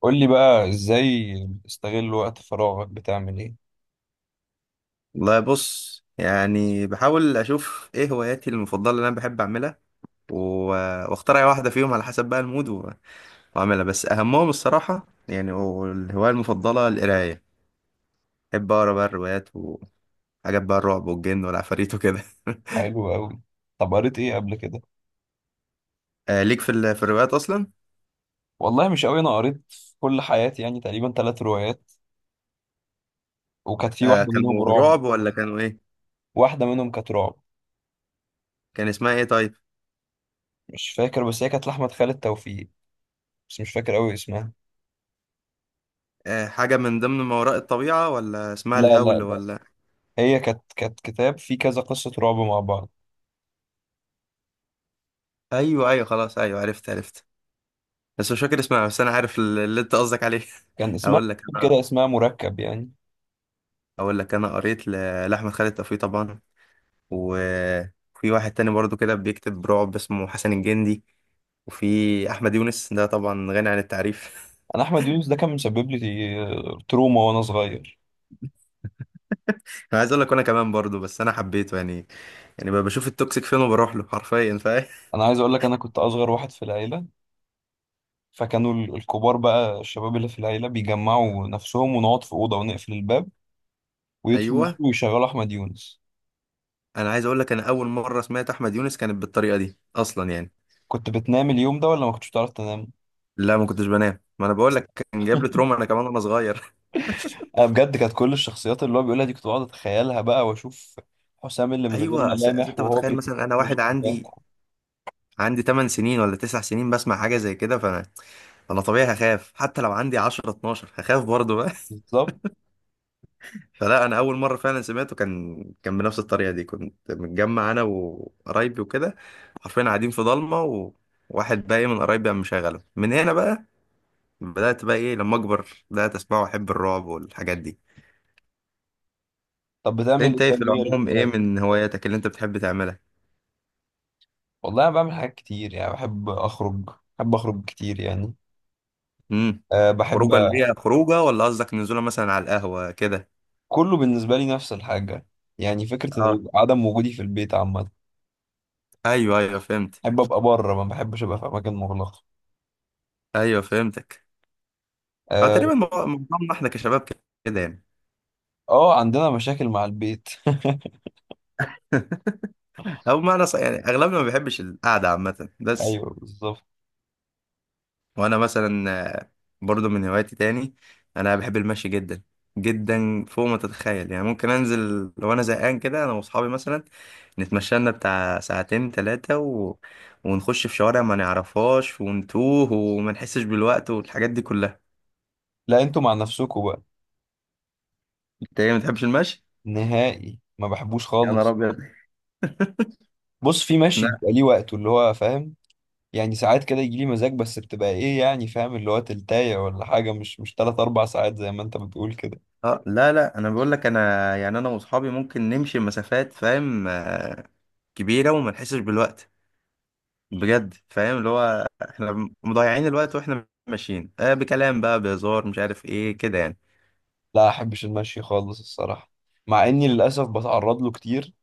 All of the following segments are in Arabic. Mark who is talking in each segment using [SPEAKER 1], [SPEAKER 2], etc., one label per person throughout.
[SPEAKER 1] قول لي بقى ازاي بتستغل وقت فراغك؟ بتعمل ايه؟
[SPEAKER 2] والله بص، يعني بحاول اشوف ايه هواياتي المفضله اللي انا بحب اعملها و... واختار اي واحده فيهم على حسب بقى المود واعملها. بس اهمهم الصراحه يعني، والهوايه المفضله القرايه. بحب اقرا بقى الروايات وحاجات بقى، الرعب والجن والعفاريت وكده.
[SPEAKER 1] حلو قوي. طب قريت ايه قبل كده؟
[SPEAKER 2] آه، ليك في الروايات اصلا.
[SPEAKER 1] والله مش قوي، انا قريت في كل حياتي يعني تقريبا 3 روايات، وكانت في
[SPEAKER 2] آه،
[SPEAKER 1] واحده منهم
[SPEAKER 2] كانوا
[SPEAKER 1] رعب.
[SPEAKER 2] رعب ولا كانوا ايه؟
[SPEAKER 1] واحده منهم كانت رعب.
[SPEAKER 2] كان اسمها ايه طيب؟
[SPEAKER 1] مش فاكر، بس هي كانت لاحمد خالد توفيق، بس مش فاكر قوي اسمها.
[SPEAKER 2] آه، حاجه من ضمن ما وراء الطبيعه، ولا اسمها
[SPEAKER 1] لا لا
[SPEAKER 2] الهول،
[SPEAKER 1] لا،
[SPEAKER 2] ولا.
[SPEAKER 1] هي كانت كتاب فيه كذا قصه رعب مع بعض.
[SPEAKER 2] ايوه، ايوه، خلاص، ايوه عرفت عرفت. بس مش فاكر اسمها، بس انا عارف اللي انت قصدك عليه.
[SPEAKER 1] كان اسمها،
[SPEAKER 2] اقول لك انا
[SPEAKER 1] كده اسمها مركب يعني.
[SPEAKER 2] اقول لك انا قريت لاحمد خالد توفيق طبعا. وفي واحد تاني برضو كده بيكتب رعب، اسمه حسن الجندي. وفي احمد يونس ده طبعا غني عن التعريف.
[SPEAKER 1] انا احمد يونس ده كان مسبب لي تروما وانا صغير.
[SPEAKER 2] انا عايز اقول لك انا كمان برضو، بس انا حبيته يعني بقى بشوف التوكسيك فين وبروح له حرفيا، فاهم؟
[SPEAKER 1] انا عايز اقول لك، انا كنت اصغر واحد في العيله، فكانوا الكبار بقى، الشباب اللي في العيلة بيجمعوا نفسهم، ونقعد في أوضة ونقفل الباب ويدخلوا النار
[SPEAKER 2] ايوه،
[SPEAKER 1] ويشغلوا أحمد يونس.
[SPEAKER 2] انا عايز اقول لك انا اول مره سمعت احمد يونس كانت بالطريقه دي اصلا يعني.
[SPEAKER 1] كنت بتنام اليوم ده ولا ما كنتش بتعرف تنام؟
[SPEAKER 2] لا، ما كنتش بنام، ما انا بقول لك كان جايب لي تروما انا كمان وانا صغير.
[SPEAKER 1] أنا بجد كانت كل الشخصيات اللي هو بيقولها دي كنت بقعد أتخيلها بقى وأشوف حسام اللي من غير
[SPEAKER 2] ايوه، أس... أس
[SPEAKER 1] ملامح
[SPEAKER 2] انت
[SPEAKER 1] وهو
[SPEAKER 2] متخيل
[SPEAKER 1] بيتفرج.
[SPEAKER 2] مثلا انا واحد عندي 8 سنين ولا 9 سنين بسمع حاجة زي كده، فانا طبيعي هخاف، حتى لو عندي 10 12 هخاف برضه بقى.
[SPEAKER 1] بالظبط.
[SPEAKER 2] فلا انا اول مرة فعلا سمعته كان بنفس الطريقة دي، كنت متجمع انا وقرايبي وكده، حرفيا قاعدين في ضلمة، وواحد بقى إيه من قرايبي قام مشغله من هنا بقى. بدأت بقى ايه لما اكبر بدأت اسمعه واحب الرعب والحاجات دي.
[SPEAKER 1] طب بتعمل إيه؟
[SPEAKER 2] انت ايه في
[SPEAKER 1] طب غير
[SPEAKER 2] العموم، ايه
[SPEAKER 1] غير
[SPEAKER 2] من هواياتك اللي انت بتحب تعملها؟
[SPEAKER 1] والله أنا بعمل حاجات كتير، يعني بحب أخرج. بحب أخرج كتير يعني.
[SPEAKER 2] امم.
[SPEAKER 1] أه بحب.
[SPEAKER 2] خروجه اللي هي خروجه، ولا قصدك نزوله مثلا على القهوة كده؟
[SPEAKER 1] كله بالنسبة لي نفس الحاجة. يعني فكرة
[SPEAKER 2] اه.
[SPEAKER 1] عدم وجودي في البيت عامة.
[SPEAKER 2] ايوه ايوه فهمت.
[SPEAKER 1] بحب ابقى بره، ما بحبش ابقى في اماكن مغلقه.
[SPEAKER 2] ايوه فهمتك. اه،
[SPEAKER 1] اه.
[SPEAKER 2] تقريبا معظمنا احنا كشباب كده يعني.
[SPEAKER 1] عندنا مشاكل مع البيت.
[SPEAKER 2] او معنى صح يعني، اغلبنا ما بيحبش القعده عامه بس.
[SPEAKER 1] ايوه بالظبط.
[SPEAKER 2] وانا مثلا، آه، برضو من هواياتي تاني، انا بحب المشي جدا. جدا فوق ما تتخيل يعني. ممكن انزل لو انا زهقان كده انا واصحابي مثلا، نتمشى لنا بتاع ساعتين ثلاثه ونخش في شوارع ما نعرفهاش، ونتوه وما نحسش بالوقت والحاجات دي كلها.
[SPEAKER 1] لا انتوا مع نفسكوا بقى.
[SPEAKER 2] انت ايه، ما بتحبش المشي؟
[SPEAKER 1] نهائي ما بحبوش
[SPEAKER 2] يا نهار
[SPEAKER 1] خالص.
[SPEAKER 2] ابيض!
[SPEAKER 1] بص، في ماشي بيبقى ليه وقته، اللي هو فاهم؟ يعني ساعات كده يجي لي مزاج، بس بتبقى ايه يعني، فاهم، اللي هو تلتاية ولا حاجه، مش تلات اربع ساعات زي ما انت بتقول كده.
[SPEAKER 2] اه، لا لا، انا بقول لك انا يعني، انا واصحابي ممكن نمشي مسافات، فاهم؟ كبيره، وما نحسش بالوقت. بجد، فاهم؟ اللي هو احنا مضيعين الوقت واحنا ماشيين، بكلام بقى، بهزار، مش عارف ايه كده يعني.
[SPEAKER 1] لا احبش المشي خالص الصراحه، مع اني للاسف بتعرض له كتير.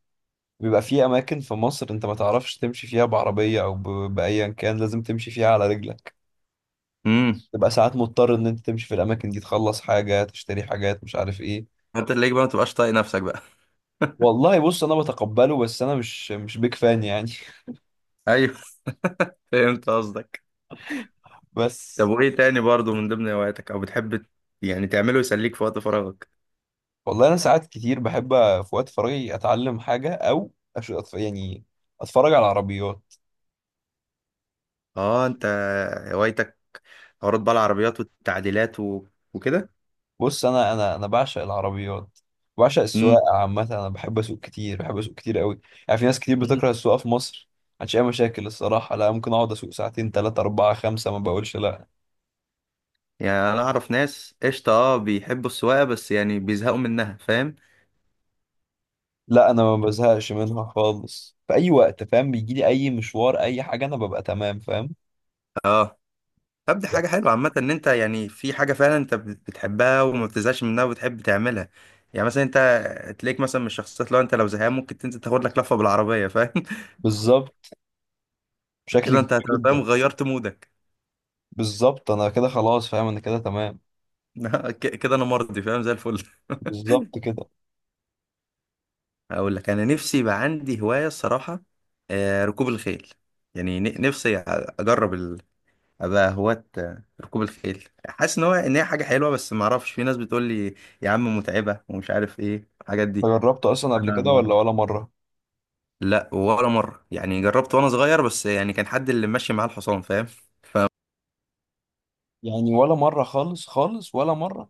[SPEAKER 1] بيبقى في اماكن في مصر انت ما تعرفش تمشي فيها بعربيه او ب- بايا كان لازم تمشي فيها على رجلك.
[SPEAKER 2] امم.
[SPEAKER 1] تبقى ساعات مضطر ان انت تمشي في الاماكن دي، تخلص حاجه، تشتري حاجات، مش عارف ايه.
[SPEAKER 2] انت تلاقيك بقى ما تبقاش طايق نفسك بقى.
[SPEAKER 1] والله بص، انا بتقبله، بس انا مش بيك فان يعني.
[SPEAKER 2] ايوه، فهمت قصدك. طب،
[SPEAKER 1] بس.
[SPEAKER 2] وايه تاني برضو من ضمن هواياتك، او بتحب يعني تعمله يسليك في وقت فراغك؟
[SPEAKER 1] والله انا ساعات كتير بحب في وقت فراغي اتعلم حاجه، او يعني اتفرج على العربيات.
[SPEAKER 2] اه، انت هوايتك حوارات بقى العربيات والتعديلات وكده.
[SPEAKER 1] بص، انا بعشق العربيات، بعشق السواقه عامه. انا بحب اسوق كتير، بحب اسوق كتير قوي. يعني في ناس كتير
[SPEAKER 2] امم.
[SPEAKER 1] بتكره السواقه في مصر عشان اي مشاكل. الصراحه لا، ممكن اقعد اسوق ساعتين ثلاثه اربعه خمسه ما بقولش لا.
[SPEAKER 2] يعني انا اعرف ناس قشطه، اه بيحبوا السواقه، بس يعني بيزهقوا منها، فاهم؟
[SPEAKER 1] لا انا ما بزهقش منها خالص. في اي وقت، فاهم، بيجي لي اي مشوار اي حاجه انا ببقى تمام، فاهم.
[SPEAKER 2] اه. طب دي
[SPEAKER 1] لا.
[SPEAKER 2] حاجه حلوه عامه، ان انت يعني في حاجه فعلا انت بتحبها وما بتزهقش منها وبتحب تعملها. يعني مثلا انت تلاقيك مثلا من الشخصيات، لو زهقان ممكن تنزل تاخد لك لفه بالعربيه، فاهم؟
[SPEAKER 1] بالظبط. بشكل
[SPEAKER 2] كده
[SPEAKER 1] كبير
[SPEAKER 2] انت هتبقى فاهم
[SPEAKER 1] جدا.
[SPEAKER 2] غيرت مودك.
[SPEAKER 1] بالظبط انا كده خلاص، فاهم، انا كده تمام.
[SPEAKER 2] كده انا مرضي فاهم، زي الفل.
[SPEAKER 1] بالظبط كده.
[SPEAKER 2] اقول لك انا نفسي يبقى عندي هوايه الصراحه، ركوب الخيل. يعني نفسي اجرب ابقى هواة ركوب الخيل. حاسس ان هي حاجه حلوه، بس ما اعرفش، في ناس بتقول لي يا عم متعبه، ومش عارف ايه الحاجات دي.
[SPEAKER 1] جربته اصلا قبل
[SPEAKER 2] انا
[SPEAKER 1] كده
[SPEAKER 2] ما
[SPEAKER 1] ولا
[SPEAKER 2] اعرفش.
[SPEAKER 1] ولا مره
[SPEAKER 2] لا، ولا مره، يعني جربت وانا صغير بس يعني كان حد اللي ماشي معاه الحصان، فاهم؟
[SPEAKER 1] يعني؟ ولا مره خالص خالص، ولا مره.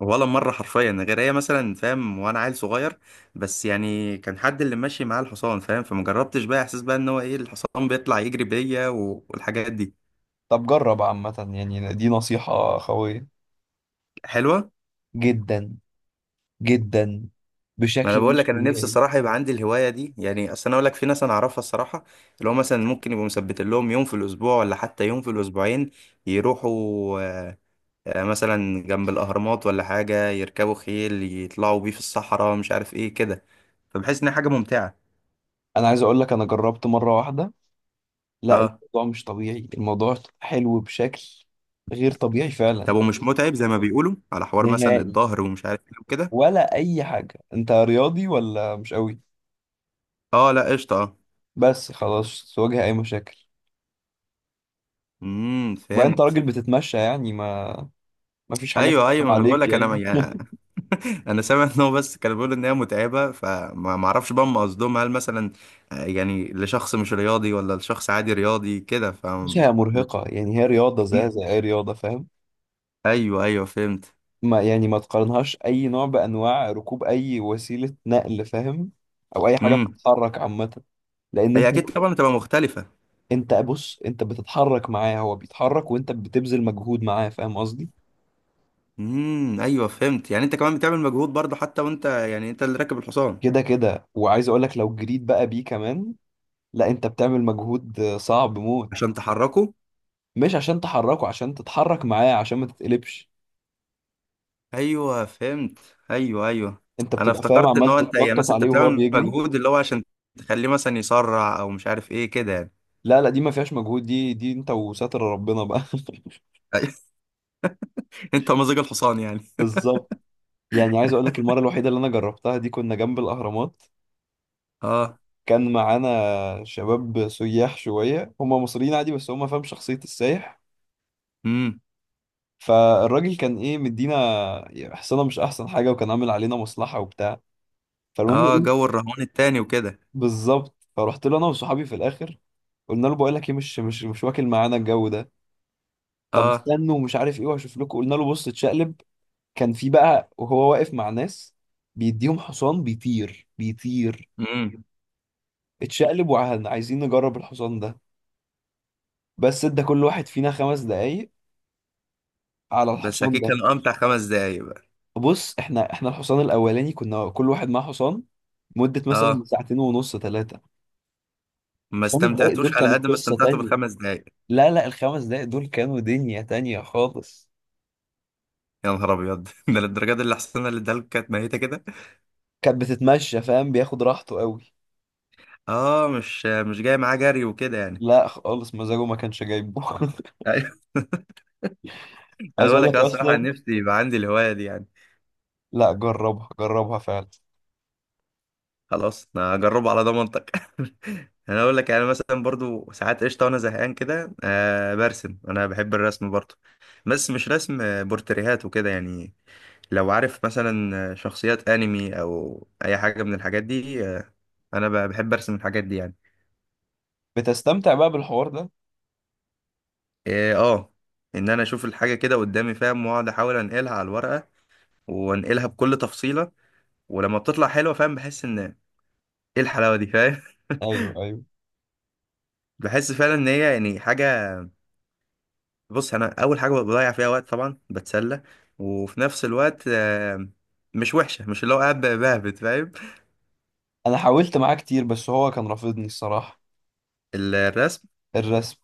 [SPEAKER 2] ولا مره حرفيا، غير هي مثلا، فاهم؟ وانا عيل صغير. بس يعني كان حد اللي ماشي معاه الحصان، فاهم؟ فما جربتش بقى احساس بقى ان هو ايه الحصان بيطلع يجري بيا والحاجات دي.
[SPEAKER 1] طب جرب عامه، يعني دي نصيحه قويه
[SPEAKER 2] حلوه.
[SPEAKER 1] جدا جدا،
[SPEAKER 2] ما انا
[SPEAKER 1] بشكل
[SPEAKER 2] بقول
[SPEAKER 1] مش
[SPEAKER 2] لك انا نفسي
[SPEAKER 1] طبيعي.
[SPEAKER 2] الصراحه يبقى عندي الهوايه دي يعني. اصل انا اقول لك في ناس انا اعرفها الصراحه، اللي هو مثلا ممكن يبقوا مثبتين لهم يوم في الاسبوع ولا حتى يوم في الاسبوعين، يروحوا آه، مثلا جنب الاهرامات ولا حاجه، يركبوا خيل يطلعوا بيه في الصحراء، مش عارف ايه كده. فبحس انها حاجه ممتعه.
[SPEAKER 1] انا عايز اقول لك انا جربت مره واحده، لا
[SPEAKER 2] اه.
[SPEAKER 1] الموضوع مش طبيعي، الموضوع حلو بشكل غير طبيعي فعلا.
[SPEAKER 2] طب، ومش متعب زي ما بيقولوا على حوار مثلا
[SPEAKER 1] نهائي.
[SPEAKER 2] الظهر ومش عارف ايه وكده؟
[SPEAKER 1] ولا اي حاجه؟ انت رياضي ولا مش قوي؟
[SPEAKER 2] اه لا، قشطه، اه.
[SPEAKER 1] بس خلاص، تواجه اي مشاكل.
[SPEAKER 2] امم،
[SPEAKER 1] وبعدين انت
[SPEAKER 2] فهمت.
[SPEAKER 1] راجل بتتمشى يعني، ما ما فيش حاجه
[SPEAKER 2] ايوه
[SPEAKER 1] تطلع
[SPEAKER 2] ايوه، ما انا بقول
[SPEAKER 1] عليك
[SPEAKER 2] لك انا
[SPEAKER 1] يعني.
[SPEAKER 2] يعني، انا سامع ان هو بس كان بيقول ان هي متعبه، فما ما اعرفش بقى هم قصدهم هل مثلا، يعني لشخص مش رياضي ولا لشخص عادي رياضي كده،
[SPEAKER 1] بس هي مرهقه يعني، هي رياضه زيها
[SPEAKER 2] مم.
[SPEAKER 1] زي اي رياضه، فاهم.
[SPEAKER 2] ايوه ايوه فهمت.
[SPEAKER 1] ما يعني ما تقارنهاش اي نوع بانواع ركوب اي وسيله نقل، فاهم، او اي حاجه
[SPEAKER 2] امم.
[SPEAKER 1] بتتحرك عامه. لان
[SPEAKER 2] هي
[SPEAKER 1] انت،
[SPEAKER 2] اكيد طبعا بتبقى مختلفه.
[SPEAKER 1] انت بص، انت بتتحرك معاه، هو بيتحرك وانت بتبذل مجهود معاه، فاهم قصدي.
[SPEAKER 2] امم، ايوه فهمت. يعني انت كمان بتعمل مجهود برضه، حتى وانت، يعني انت اللي راكب الحصان،
[SPEAKER 1] كده كده، وعايز اقول لك لو جريت بقى بيه كمان، لا انت بتعمل مجهود صعب موت.
[SPEAKER 2] عشان تحركه.
[SPEAKER 1] مش عشان تحركه، عشان تتحرك معاه، عشان ما تتقلبش.
[SPEAKER 2] ايوه فهمت. ايوه ايوه.
[SPEAKER 1] انت
[SPEAKER 2] انا
[SPEAKER 1] بتبقى، فاهم،
[SPEAKER 2] افتكرت ان
[SPEAKER 1] عمال
[SPEAKER 2] هو انت يعني
[SPEAKER 1] تتنطط
[SPEAKER 2] مثلا انت
[SPEAKER 1] عليه وهو
[SPEAKER 2] بتعمل
[SPEAKER 1] بيجري.
[SPEAKER 2] مجهود اللي هو عشان تخليه مثلا يسرع او مش عارف ايه كده يعني.
[SPEAKER 1] لا لا، دي ما فيهاش مجهود، دي انت وستر ربنا بقى.
[SPEAKER 2] انت مزاج الحصان يعني.
[SPEAKER 1] بالظبط. يعني عايز اقول لك المره الوحيده اللي انا جربتها دي كنا جنب الاهرامات.
[SPEAKER 2] اه.
[SPEAKER 1] كان معانا شباب سياح شويه، هم مصريين عادي بس هم، فاهم، شخصيه السايح.
[SPEAKER 2] امم.
[SPEAKER 1] فالراجل كان ايه، مدينا حصانه مش احسن حاجه، وكان عامل علينا مصلحه وبتاع. فالمهم
[SPEAKER 2] اه،
[SPEAKER 1] ايه،
[SPEAKER 2] جو الرهان التاني وكده.
[SPEAKER 1] بالظبط، فرحت له انا وصحابي في الاخر. قلنا له بقول لك ايه، مش واكل معانا الجو ده. طب
[SPEAKER 2] اه.
[SPEAKER 1] استنوا ومش عارف ايه وهشوف لكم. قلنا له بص اتشقلب، كان في بقى وهو واقف مع ناس بيديهم حصان بيطير بيطير.
[SPEAKER 2] امم.
[SPEAKER 1] اتشقلب وعايزين نجرب الحصان ده. بس ادى كل واحد فينا 5 دقايق على
[SPEAKER 2] بس
[SPEAKER 1] الحصان
[SPEAKER 2] اكيد
[SPEAKER 1] ده.
[SPEAKER 2] كانوا امتع خمس دقايق بقى.
[SPEAKER 1] بص احنا، احنا الحصان الاولاني كنا كل واحد معاه حصان مدة مثلا
[SPEAKER 2] اه.
[SPEAKER 1] ساعتين ونص ثلاثة.
[SPEAKER 2] ما
[SPEAKER 1] ال5 دقايق دول
[SPEAKER 2] استمتعتوش على
[SPEAKER 1] كانوا
[SPEAKER 2] قد ما
[SPEAKER 1] قصة
[SPEAKER 2] استمتعتوا
[SPEAKER 1] تانية.
[SPEAKER 2] بالخمس دقايق.
[SPEAKER 1] لا لا، ال5 دقايق دول كانوا دنيا تانية خالص.
[SPEAKER 2] يا نهار ابيض! ده للدرجه دي؟ اللي حصلنا اللي ادالك كانت ميته كده.
[SPEAKER 1] كانت بتتمشى، فاهم، بياخد راحته قوي.
[SPEAKER 2] اه، مش جاي معاه جري وكده يعني.
[SPEAKER 1] لا خالص، مزاجه ما كانش جايبه.
[SPEAKER 2] ايوه. انا
[SPEAKER 1] عايز
[SPEAKER 2] بقول
[SPEAKER 1] اقول
[SPEAKER 2] لك
[SPEAKER 1] لك
[SPEAKER 2] أنا الصراحه
[SPEAKER 1] اصلا.
[SPEAKER 2] نفسي يبقى عندي الهوايه دي يعني.
[SPEAKER 1] لا جربها، جربها فعلا.
[SPEAKER 2] خلاص انا هجربه على ضمانتك. انا اقول لك، يعني مثلا برضو ساعات قشطه وانا زهقان كده، برسم، انا بحب الرسم برضو. بس مش رسم بورتريهات وكده يعني. لو عارف مثلا شخصيات انمي او اي حاجه من الحاجات دي، انا بحب ارسم الحاجات دي يعني.
[SPEAKER 1] بتستمتع بقى بالحوار ده؟
[SPEAKER 2] إيه، اه. ان انا اشوف الحاجه كده قدامي، فاهم؟ واقعد احاول انقلها على الورقه، وانقلها بكل تفصيله. ولما بتطلع حلوه، فاهم؟ بحس ان ايه، الحلاوه دي، فاهم؟
[SPEAKER 1] ايوه ايوه.
[SPEAKER 2] بحس فعلا ان هي يعني حاجه. بص، انا اول حاجه بضيع فيها وقت طبعا بتسلى، وفي نفس الوقت مش وحشه، مش اللي هو قاعد بهبت، فاهم؟
[SPEAKER 1] انا حاولت معاه كتير بس هو كان رافضني الصراحه.
[SPEAKER 2] الرسم
[SPEAKER 1] الرسم.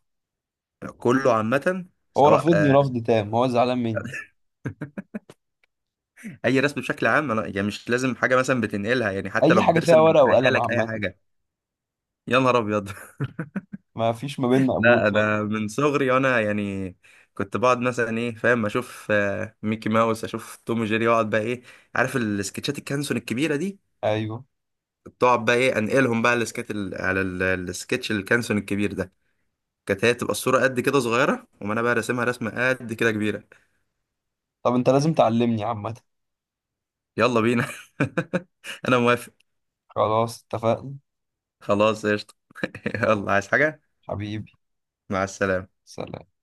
[SPEAKER 2] كله عامه،
[SPEAKER 1] هو
[SPEAKER 2] سواء
[SPEAKER 1] رافضني رفض تام، هو زعلان مني.
[SPEAKER 2] اي رسم بشكل عام. انا يعني مش لازم حاجه مثلا بتنقلها يعني، حتى
[SPEAKER 1] اي
[SPEAKER 2] لو
[SPEAKER 1] حاجه فيها
[SPEAKER 2] بترسم
[SPEAKER 1] ورقه وقلم
[SPEAKER 2] بخيالك اي
[SPEAKER 1] عامه،
[SPEAKER 2] حاجه. يا نهار ابيض!
[SPEAKER 1] ما فيش ما بيننا قبول
[SPEAKER 2] لا انا
[SPEAKER 1] خالص.
[SPEAKER 2] من صغري وانا يعني كنت بقعد مثلا ايه، فاهم؟ اشوف ميكي ماوس، اشوف توم وجيري، واقعد بقى ايه، عارف السكتشات الكانسون الكبيره دي؟
[SPEAKER 1] ايوه.
[SPEAKER 2] كنت اقعد بقى ايه انقلهم بقى على السكتش الكانسون الكبير ده. كانت هي تبقى الصوره قد كده صغيره، وما انا بقى راسمها رسمه قد كده كبيره.
[SPEAKER 1] طب انت لازم تعلمني عامه.
[SPEAKER 2] يلا بينا. انا موافق.
[SPEAKER 1] خلاص اتفقنا.
[SPEAKER 2] خلاص، قشطه. يلا، عايز حاجه؟
[SPEAKER 1] حبيبي.
[SPEAKER 2] مع السلامه.
[SPEAKER 1] سلام.